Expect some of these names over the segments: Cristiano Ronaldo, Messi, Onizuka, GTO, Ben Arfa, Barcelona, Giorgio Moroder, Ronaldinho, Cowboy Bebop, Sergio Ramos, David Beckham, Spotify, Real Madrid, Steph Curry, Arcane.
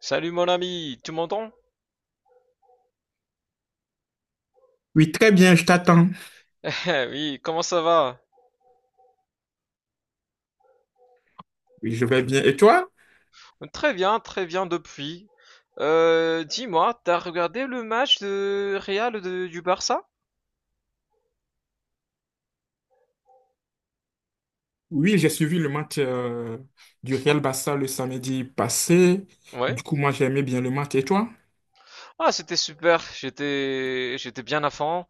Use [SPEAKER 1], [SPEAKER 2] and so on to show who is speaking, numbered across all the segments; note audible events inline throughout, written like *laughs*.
[SPEAKER 1] Salut mon ami, tu m'entends?
[SPEAKER 2] Oui, très bien, je t'attends.
[SPEAKER 1] *laughs* Oui, comment ça va?
[SPEAKER 2] Oui, je vais bien. Et toi?
[SPEAKER 1] Très bien depuis. Dis-moi, t'as regardé le match de du Barça?
[SPEAKER 2] Oui, j'ai suivi le match du Real Barça le samedi passé.
[SPEAKER 1] Ouais.
[SPEAKER 2] Du coup, moi, j'aimais bien le match. Et toi?
[SPEAKER 1] Ah, c'était super. J'étais bien à fond.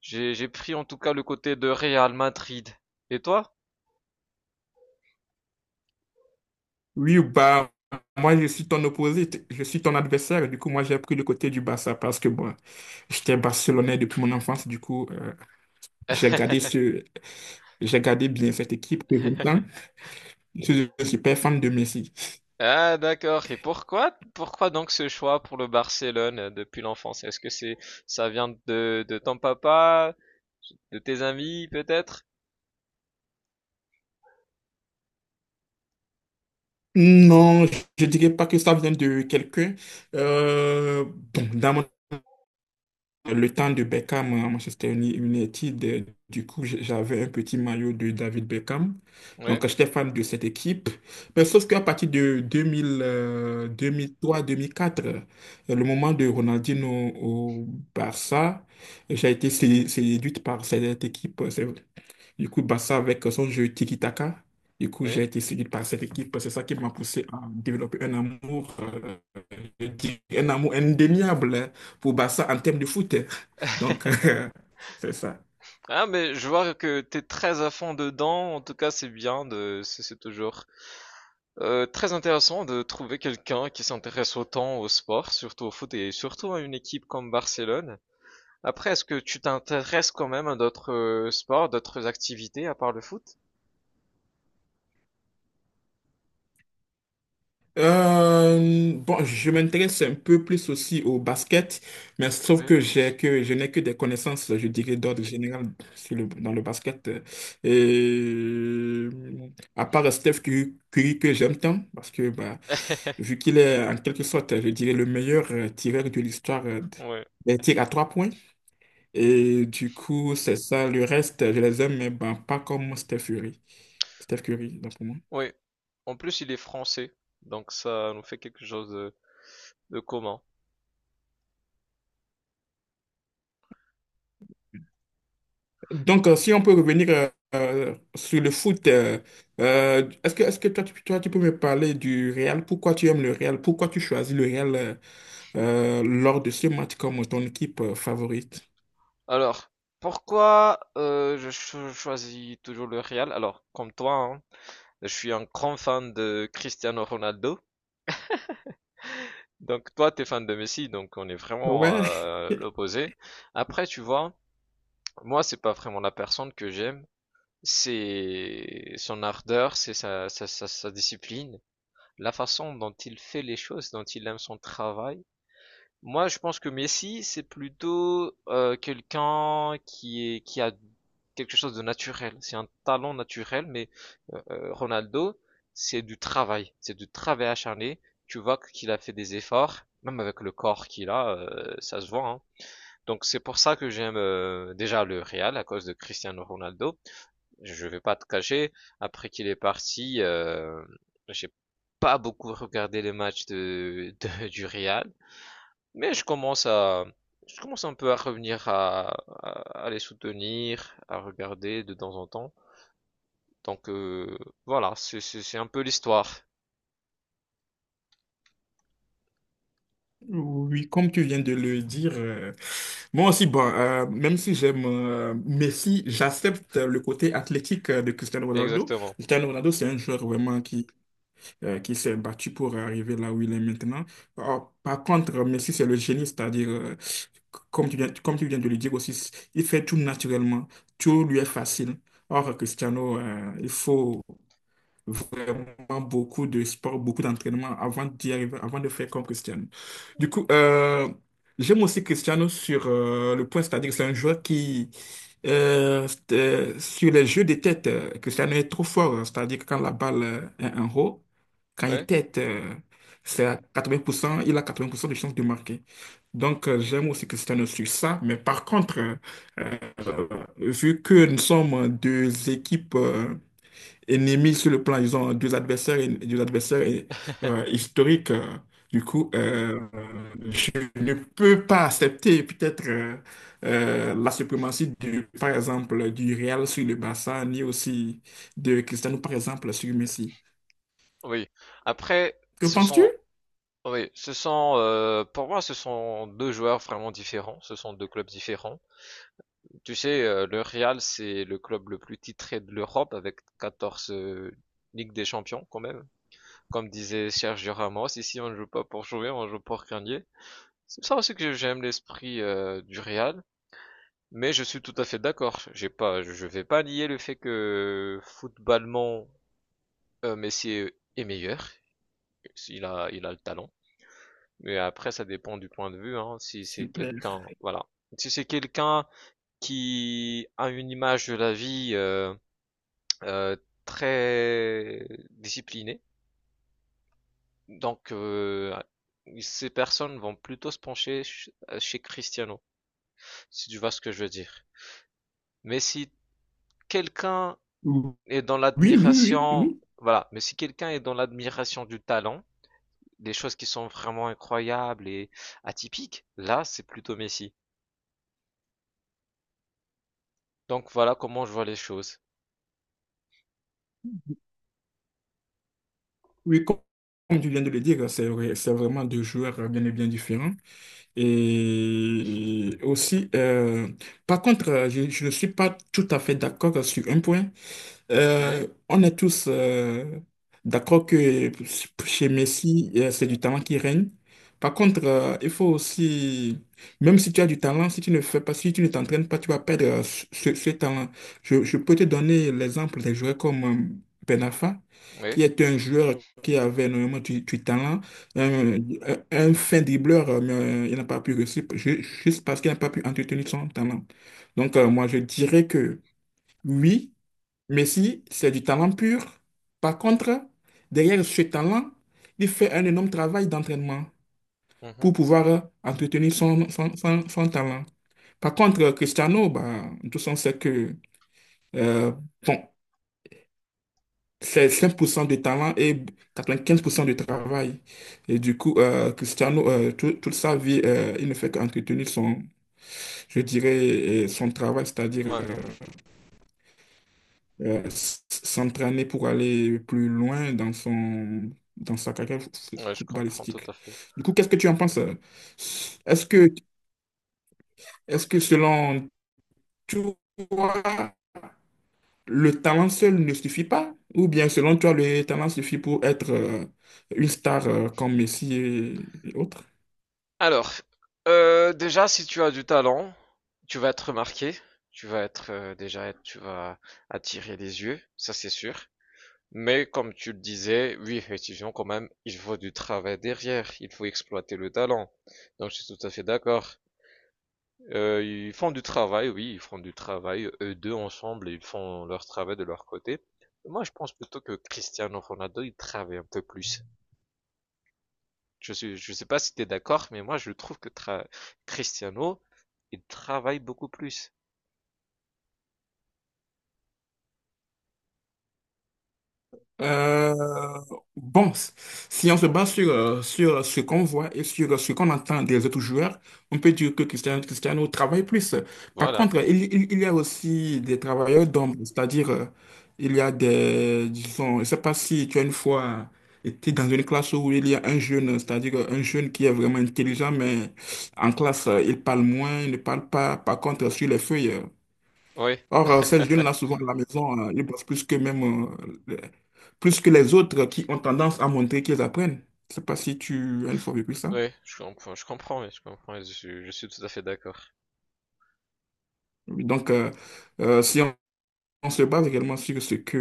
[SPEAKER 1] J'ai pris en tout cas le côté de Real Madrid. Et toi?
[SPEAKER 2] Oui, bah, moi, je suis ton opposé, je suis ton adversaire. Du coup, moi, j'ai pris le côté du Barça parce que, bon, j'étais barcelonais depuis mon enfance. Du coup, j'ai gardé
[SPEAKER 1] *laughs*
[SPEAKER 2] j'ai gardé bien cette équipe que j'aime. Je suis un super fan de Messi.
[SPEAKER 1] Ah d'accord. Et pourquoi donc ce choix pour le Barcelone depuis l'enfance? Est-ce que c'est, ça vient de ton papa, de tes amis peut-être?
[SPEAKER 2] Non, je dirais pas que ça vient de quelqu'un. Euh, bon, dans mon le temps de Beckham à Manchester United, du coup, j'avais un petit maillot de David Beckham.
[SPEAKER 1] Oui,
[SPEAKER 2] Donc, j'étais fan de cette équipe. Mais sauf qu'à partir de 2000, 2003-2004, le moment de Ronaldinho au Barça, j'ai été séduite par cette équipe. Du coup, Barça avec son jeu tiki-taka. Du coup, j'ai
[SPEAKER 1] oui.
[SPEAKER 2] été séduite par cette équipe. C'est ça qui m'a poussé à développer un amour, je dirais un amour indéniable pour Barça en termes de foot. Donc, *laughs* c'est ça.
[SPEAKER 1] Ah mais je vois que t'es très à fond dedans. En tout cas, c'est bien de, c'est toujours très intéressant de trouver quelqu'un qui s'intéresse autant au sport, surtout au foot et surtout à une équipe comme Barcelone. Après, est-ce que tu t'intéresses quand même à d'autres sports, d'autres activités à part le foot?
[SPEAKER 2] Bon, je m'intéresse un peu plus aussi au basket, mais sauf
[SPEAKER 1] Oui.
[SPEAKER 2] que j'ai que je n'ai que des connaissances, je dirais, d'ordre général dans le basket. Et à part Steph Curry, Curry que j'aime tant, parce que bah, vu
[SPEAKER 1] *laughs*
[SPEAKER 2] qu'il est en quelque sorte, je dirais, le meilleur tireur de l'histoire
[SPEAKER 1] Oui.
[SPEAKER 2] des tirs à trois points. Et du coup, c'est ça. Le reste, je les aime, mais bah, pas comme Steph Curry. Steph Curry, donc, pour moi.
[SPEAKER 1] Oui, en plus il est français, donc ça nous fait quelque chose de commun.
[SPEAKER 2] Donc, si on peut revenir sur le foot, est-ce que, toi, tu peux me parler du Real? Pourquoi tu aimes le Real? Pourquoi tu choisis le Real lors de ce match comme ton équipe favorite?
[SPEAKER 1] Alors, pourquoi choisis toujours le Real? Alors, comme toi, hein, je suis un grand fan de Cristiano Ronaldo. Donc toi, t'es fan de Messi, donc on est vraiment
[SPEAKER 2] Ouais,
[SPEAKER 1] l'opposé. Après, tu vois, moi, c'est pas vraiment la personne que j'aime, c'est son ardeur, c'est sa discipline, la façon dont il fait les choses, dont il aime son travail. Moi, je pense que Messi, c'est plutôt quelqu'un qui a quelque chose de naturel. C'est un talent naturel, mais Ronaldo, c'est du travail acharné. Tu vois qu'il a fait des efforts, même avec le corps qu'il a, ça se voit, hein. Donc c'est pour ça que j'aime déjà le Real à cause de Cristiano Ronaldo. Je vais pas te cacher, après qu'il est parti, j'ai pas beaucoup regardé les matchs du Real. Mais je commence à, je commence un peu à revenir à, à les soutenir, à regarder de temps en temps. Donc voilà, c'est un peu l'histoire.
[SPEAKER 2] *laughs* oui, comme tu viens de le dire, moi aussi, bon, même si j'aime Messi, j'accepte le côté athlétique de Cristiano Ronaldo.
[SPEAKER 1] Exactement.
[SPEAKER 2] Cristiano Ronaldo, c'est un joueur vraiment qui s'est battu pour arriver là où il est maintenant. Or, par contre, Messi, c'est le génie, c'est-à-dire, comme tu viens de le dire aussi, il fait tout naturellement, tout lui est facile. Or, Cristiano, il faut vraiment beaucoup de sport, beaucoup d'entraînement avant d'y arriver, avant de faire comme Cristiano. Du coup, j'aime aussi Cristiano sur le point, c'est-à-dire que c'est un joueur qui, sur les jeux de tête, Cristiano est trop fort, hein, c'est-à-dire que quand la balle est en haut, quand il
[SPEAKER 1] Oui.
[SPEAKER 2] tête, c'est à 80%, il a 80% de chances de marquer. Donc, j'aime aussi Cristiano sur ça, mais par contre, euh, vu que nous sommes deux équipes. Ennemis sur le plan, ils ont deux adversaires, deux adversaires et, historiques. Du coup, je ne peux pas accepter peut-être la suprématie du, par exemple, du Real sur le Barça, ni aussi de Cristiano, par exemple, sur Messi.
[SPEAKER 1] Oui. Après,
[SPEAKER 2] Que
[SPEAKER 1] ce
[SPEAKER 2] penses-tu?
[SPEAKER 1] sont, oui, ce sont, pour moi, ce sont deux joueurs vraiment différents. Ce sont deux clubs différents. Tu sais, le Real, c'est le club le plus titré de l'Europe avec 14 Ligues des Champions quand même. Comme disait Sergio Ramos, ici on ne joue pas pour jouer, on joue pour gagner. C'est ça aussi que j'aime l'esprit du Real, mais je suis tout à fait d'accord. J'ai pas, je vais pas nier le fait que footballement Messi est meilleur. Il a le talent. Mais après, ça dépend du point de vue. Hein, si c'est
[SPEAKER 2] Super.
[SPEAKER 1] quelqu'un, voilà, si c'est quelqu'un qui a une image de la vie euh, très disciplinée, donc ces personnes vont plutôt se pencher chez Cristiano, si tu vois ce que je veux dire. Mais si quelqu'un
[SPEAKER 2] Oui,
[SPEAKER 1] est dans
[SPEAKER 2] oui, oui, oui,
[SPEAKER 1] l'admiration,
[SPEAKER 2] oui.
[SPEAKER 1] voilà, mais si quelqu'un est dans l'admiration du talent, des choses qui sont vraiment incroyables et atypiques, là, c'est plutôt Messi. Donc voilà comment je vois les choses.
[SPEAKER 2] Oui, comme tu viens de le dire, c'est vraiment deux joueurs bien et bien différents. Et aussi, par contre, je ne suis pas tout à fait d'accord sur un point.
[SPEAKER 1] Oui,
[SPEAKER 2] On est tous d'accord que chez Messi, c'est du talent qui règne. Par contre, il faut aussi, même si tu as du talent, si tu ne t'entraînes pas, tu vas perdre ce talent. Je peux te donner l'exemple des joueurs comme Ben Arfa,
[SPEAKER 1] oui,
[SPEAKER 2] qui est un joueur qui avait énormément du talent, un, un fin dribbleur, mais il n'a pas pu réussir juste parce qu'il n'a pas pu entretenir son talent. Donc, moi, je dirais que oui. Messi, c'est du talent pur. Par contre, derrière ce talent, il fait un énorme travail d'entraînement
[SPEAKER 1] mhm,
[SPEAKER 2] pour pouvoir entretenir son talent. Par contre, Cristiano, bah, tous on sait que euh, bon, c'est 5% de talent et 95% de travail. Et du coup, Cristiano, toute sa vie, il ne fait qu'entretenir son, je dirais, son travail, c'est-à-dire
[SPEAKER 1] ouais,
[SPEAKER 2] euh, euh, s- s'entraîner pour aller plus loin dans son, dans sa carrière
[SPEAKER 1] ouais, je comprends tout à
[SPEAKER 2] footballistique.
[SPEAKER 1] fait.
[SPEAKER 2] Du coup, qu'est-ce que tu en penses? Est-ce que, est-ce que selon toi, le talent seul ne suffit pas? Ou bien selon toi, le talent suffit pour être une star comme Messi et autres?
[SPEAKER 1] Alors, déjà, si tu as du talent, tu vas être remarqué, tu vas être déjà, tu vas attirer les yeux, ça c'est sûr. Mais comme tu le disais, oui, effectivement, quand même, il faut du travail derrière, il faut exploiter le talent. Donc, je suis tout à fait d'accord. Ils font du travail, oui, ils font du travail, eux deux ensemble, ils font leur travail de leur côté. Moi, je pense plutôt que Cristiano Ronaldo, il travaille un peu plus. Je suis, je sais pas si t'es d'accord, mais moi, je trouve que Cristiano, il travaille beaucoup plus.
[SPEAKER 2] Euh, bon, si on se base sur, ce qu'on voit et sur ce qu'on entend des autres joueurs, on peut dire que Cristiano travaille plus. Par
[SPEAKER 1] Voilà.
[SPEAKER 2] contre, il y a aussi des travailleurs d'ombre, c'est-à-dire, il y a des, disons, je ne sais pas si tu as une fois été dans une classe où il y a un jeune, c'est-à-dire un jeune qui est vraiment intelligent, mais en classe, il parle moins, il ne parle pas. Par contre, sur les feuilles,
[SPEAKER 1] Oui, *laughs*
[SPEAKER 2] Or, ces jeunes-là, souvent à la maison, ils bossent plus que même, les- plus que les autres qui ont tendance à montrer qu'ils apprennent. Je sais pas si tu as une fois vécu ça.
[SPEAKER 1] oui, je comprends, oui, je comprends, je suis tout à fait d'accord.
[SPEAKER 2] Oui, donc, si on se base également sur ce que,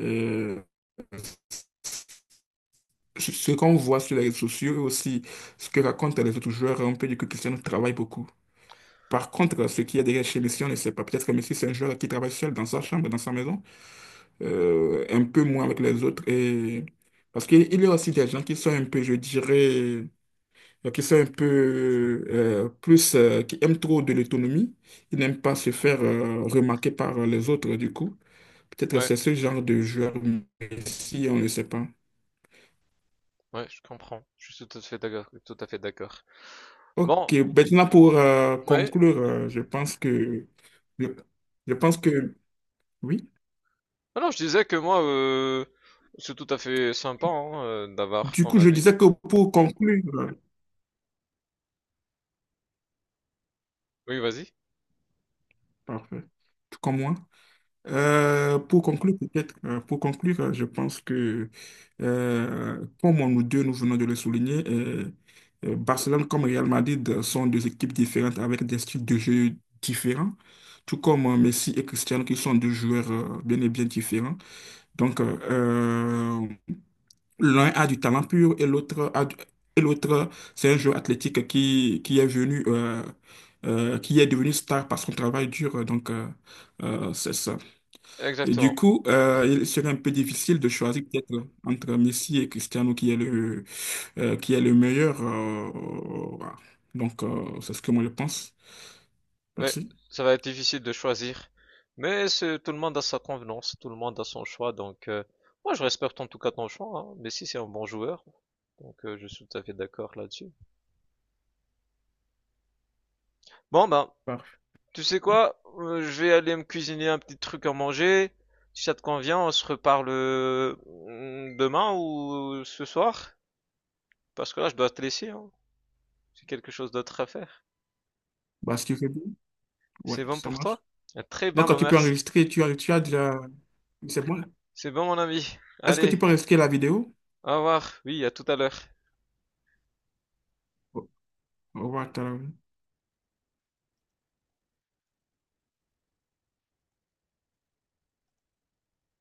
[SPEAKER 2] euh, sur ce qu'on voit sur les réseaux sociaux et aussi ce que racontent les autres joueurs, on peut dire que Cristiano travaille beaucoup. Par contre, ce qu'il y a derrière chez Messi, on ne sait pas. Peut-être que Messi, c'est un joueur qui travaille seul dans sa chambre, dans sa maison, un peu moins avec les autres. Et... Parce qu'il il y a aussi des gens qui sont un peu, je dirais, qui sont un peu plus, qui aiment trop de l'autonomie. Ils n'aiment pas se faire remarquer par les autres, du coup. Peut-être que
[SPEAKER 1] Ouais.
[SPEAKER 2] c'est ce genre de joueur, mais si on ne sait pas.
[SPEAKER 1] Ouais, je comprends. Je suis tout à fait d'accord. Tout à fait d'accord.
[SPEAKER 2] Ok,
[SPEAKER 1] Bon,
[SPEAKER 2] maintenant pour
[SPEAKER 1] ouais.
[SPEAKER 2] conclure, je pense que, je, je pense que, oui.
[SPEAKER 1] Alors, je disais que moi, c'est tout à fait sympa hein, d'avoir
[SPEAKER 2] Du
[SPEAKER 1] ton
[SPEAKER 2] coup, je
[SPEAKER 1] avis.
[SPEAKER 2] disais que pour conclure,
[SPEAKER 1] Oui, vas-y.
[SPEAKER 2] parfait, tout comme moi. Pour conclure, peut-être, pour conclure, je pense que, comme nous deux, nous venons de le souligner, Barcelone comme Real Madrid sont deux équipes différentes avec des styles de jeu différents, tout comme Messi et Cristiano qui sont deux joueurs bien et bien différents. Donc, l'un a du talent pur et l'autre, c'est un joueur athlétique qui est venu, qui est devenu star par son travail dur. Donc, c'est ça. Et du
[SPEAKER 1] Exactement.
[SPEAKER 2] coup, il serait un peu difficile de choisir peut-être entre Messi et Cristiano qui est qui est le meilleur. Voilà. Donc, c'est ce que moi je pense.
[SPEAKER 1] Ouais,
[SPEAKER 2] Merci.
[SPEAKER 1] ça va être difficile de choisir, mais c'est tout le monde a sa convenance, tout le monde a son choix. Donc, moi, je respecte en tout cas ton choix, hein. Messi, c'est un bon joueur, donc je suis tout à fait d'accord là-dessus. Bon, ben,
[SPEAKER 2] Parfait.
[SPEAKER 1] tu sais quoi? Je vais aller me cuisiner un petit truc à manger. Si ça te convient, on se reparle demain ou ce soir. Parce que là, je dois te laisser, hein. J'ai quelque chose d'autre à faire.
[SPEAKER 2] Bah, ce que je dis, ouais,
[SPEAKER 1] C'est bon
[SPEAKER 2] ça
[SPEAKER 1] pour
[SPEAKER 2] marche.
[SPEAKER 1] toi? Ah, très
[SPEAKER 2] Donc,
[SPEAKER 1] bien,
[SPEAKER 2] quand
[SPEAKER 1] bah
[SPEAKER 2] tu peux
[SPEAKER 1] merci.
[SPEAKER 2] enregistrer, tu as déjà... C'est bon.
[SPEAKER 1] C'est bon, mon ami.
[SPEAKER 2] Est-ce que
[SPEAKER 1] Allez,
[SPEAKER 2] tu peux enregistrer la vidéo?
[SPEAKER 1] au revoir. Oui, à tout à l'heure.
[SPEAKER 2] What,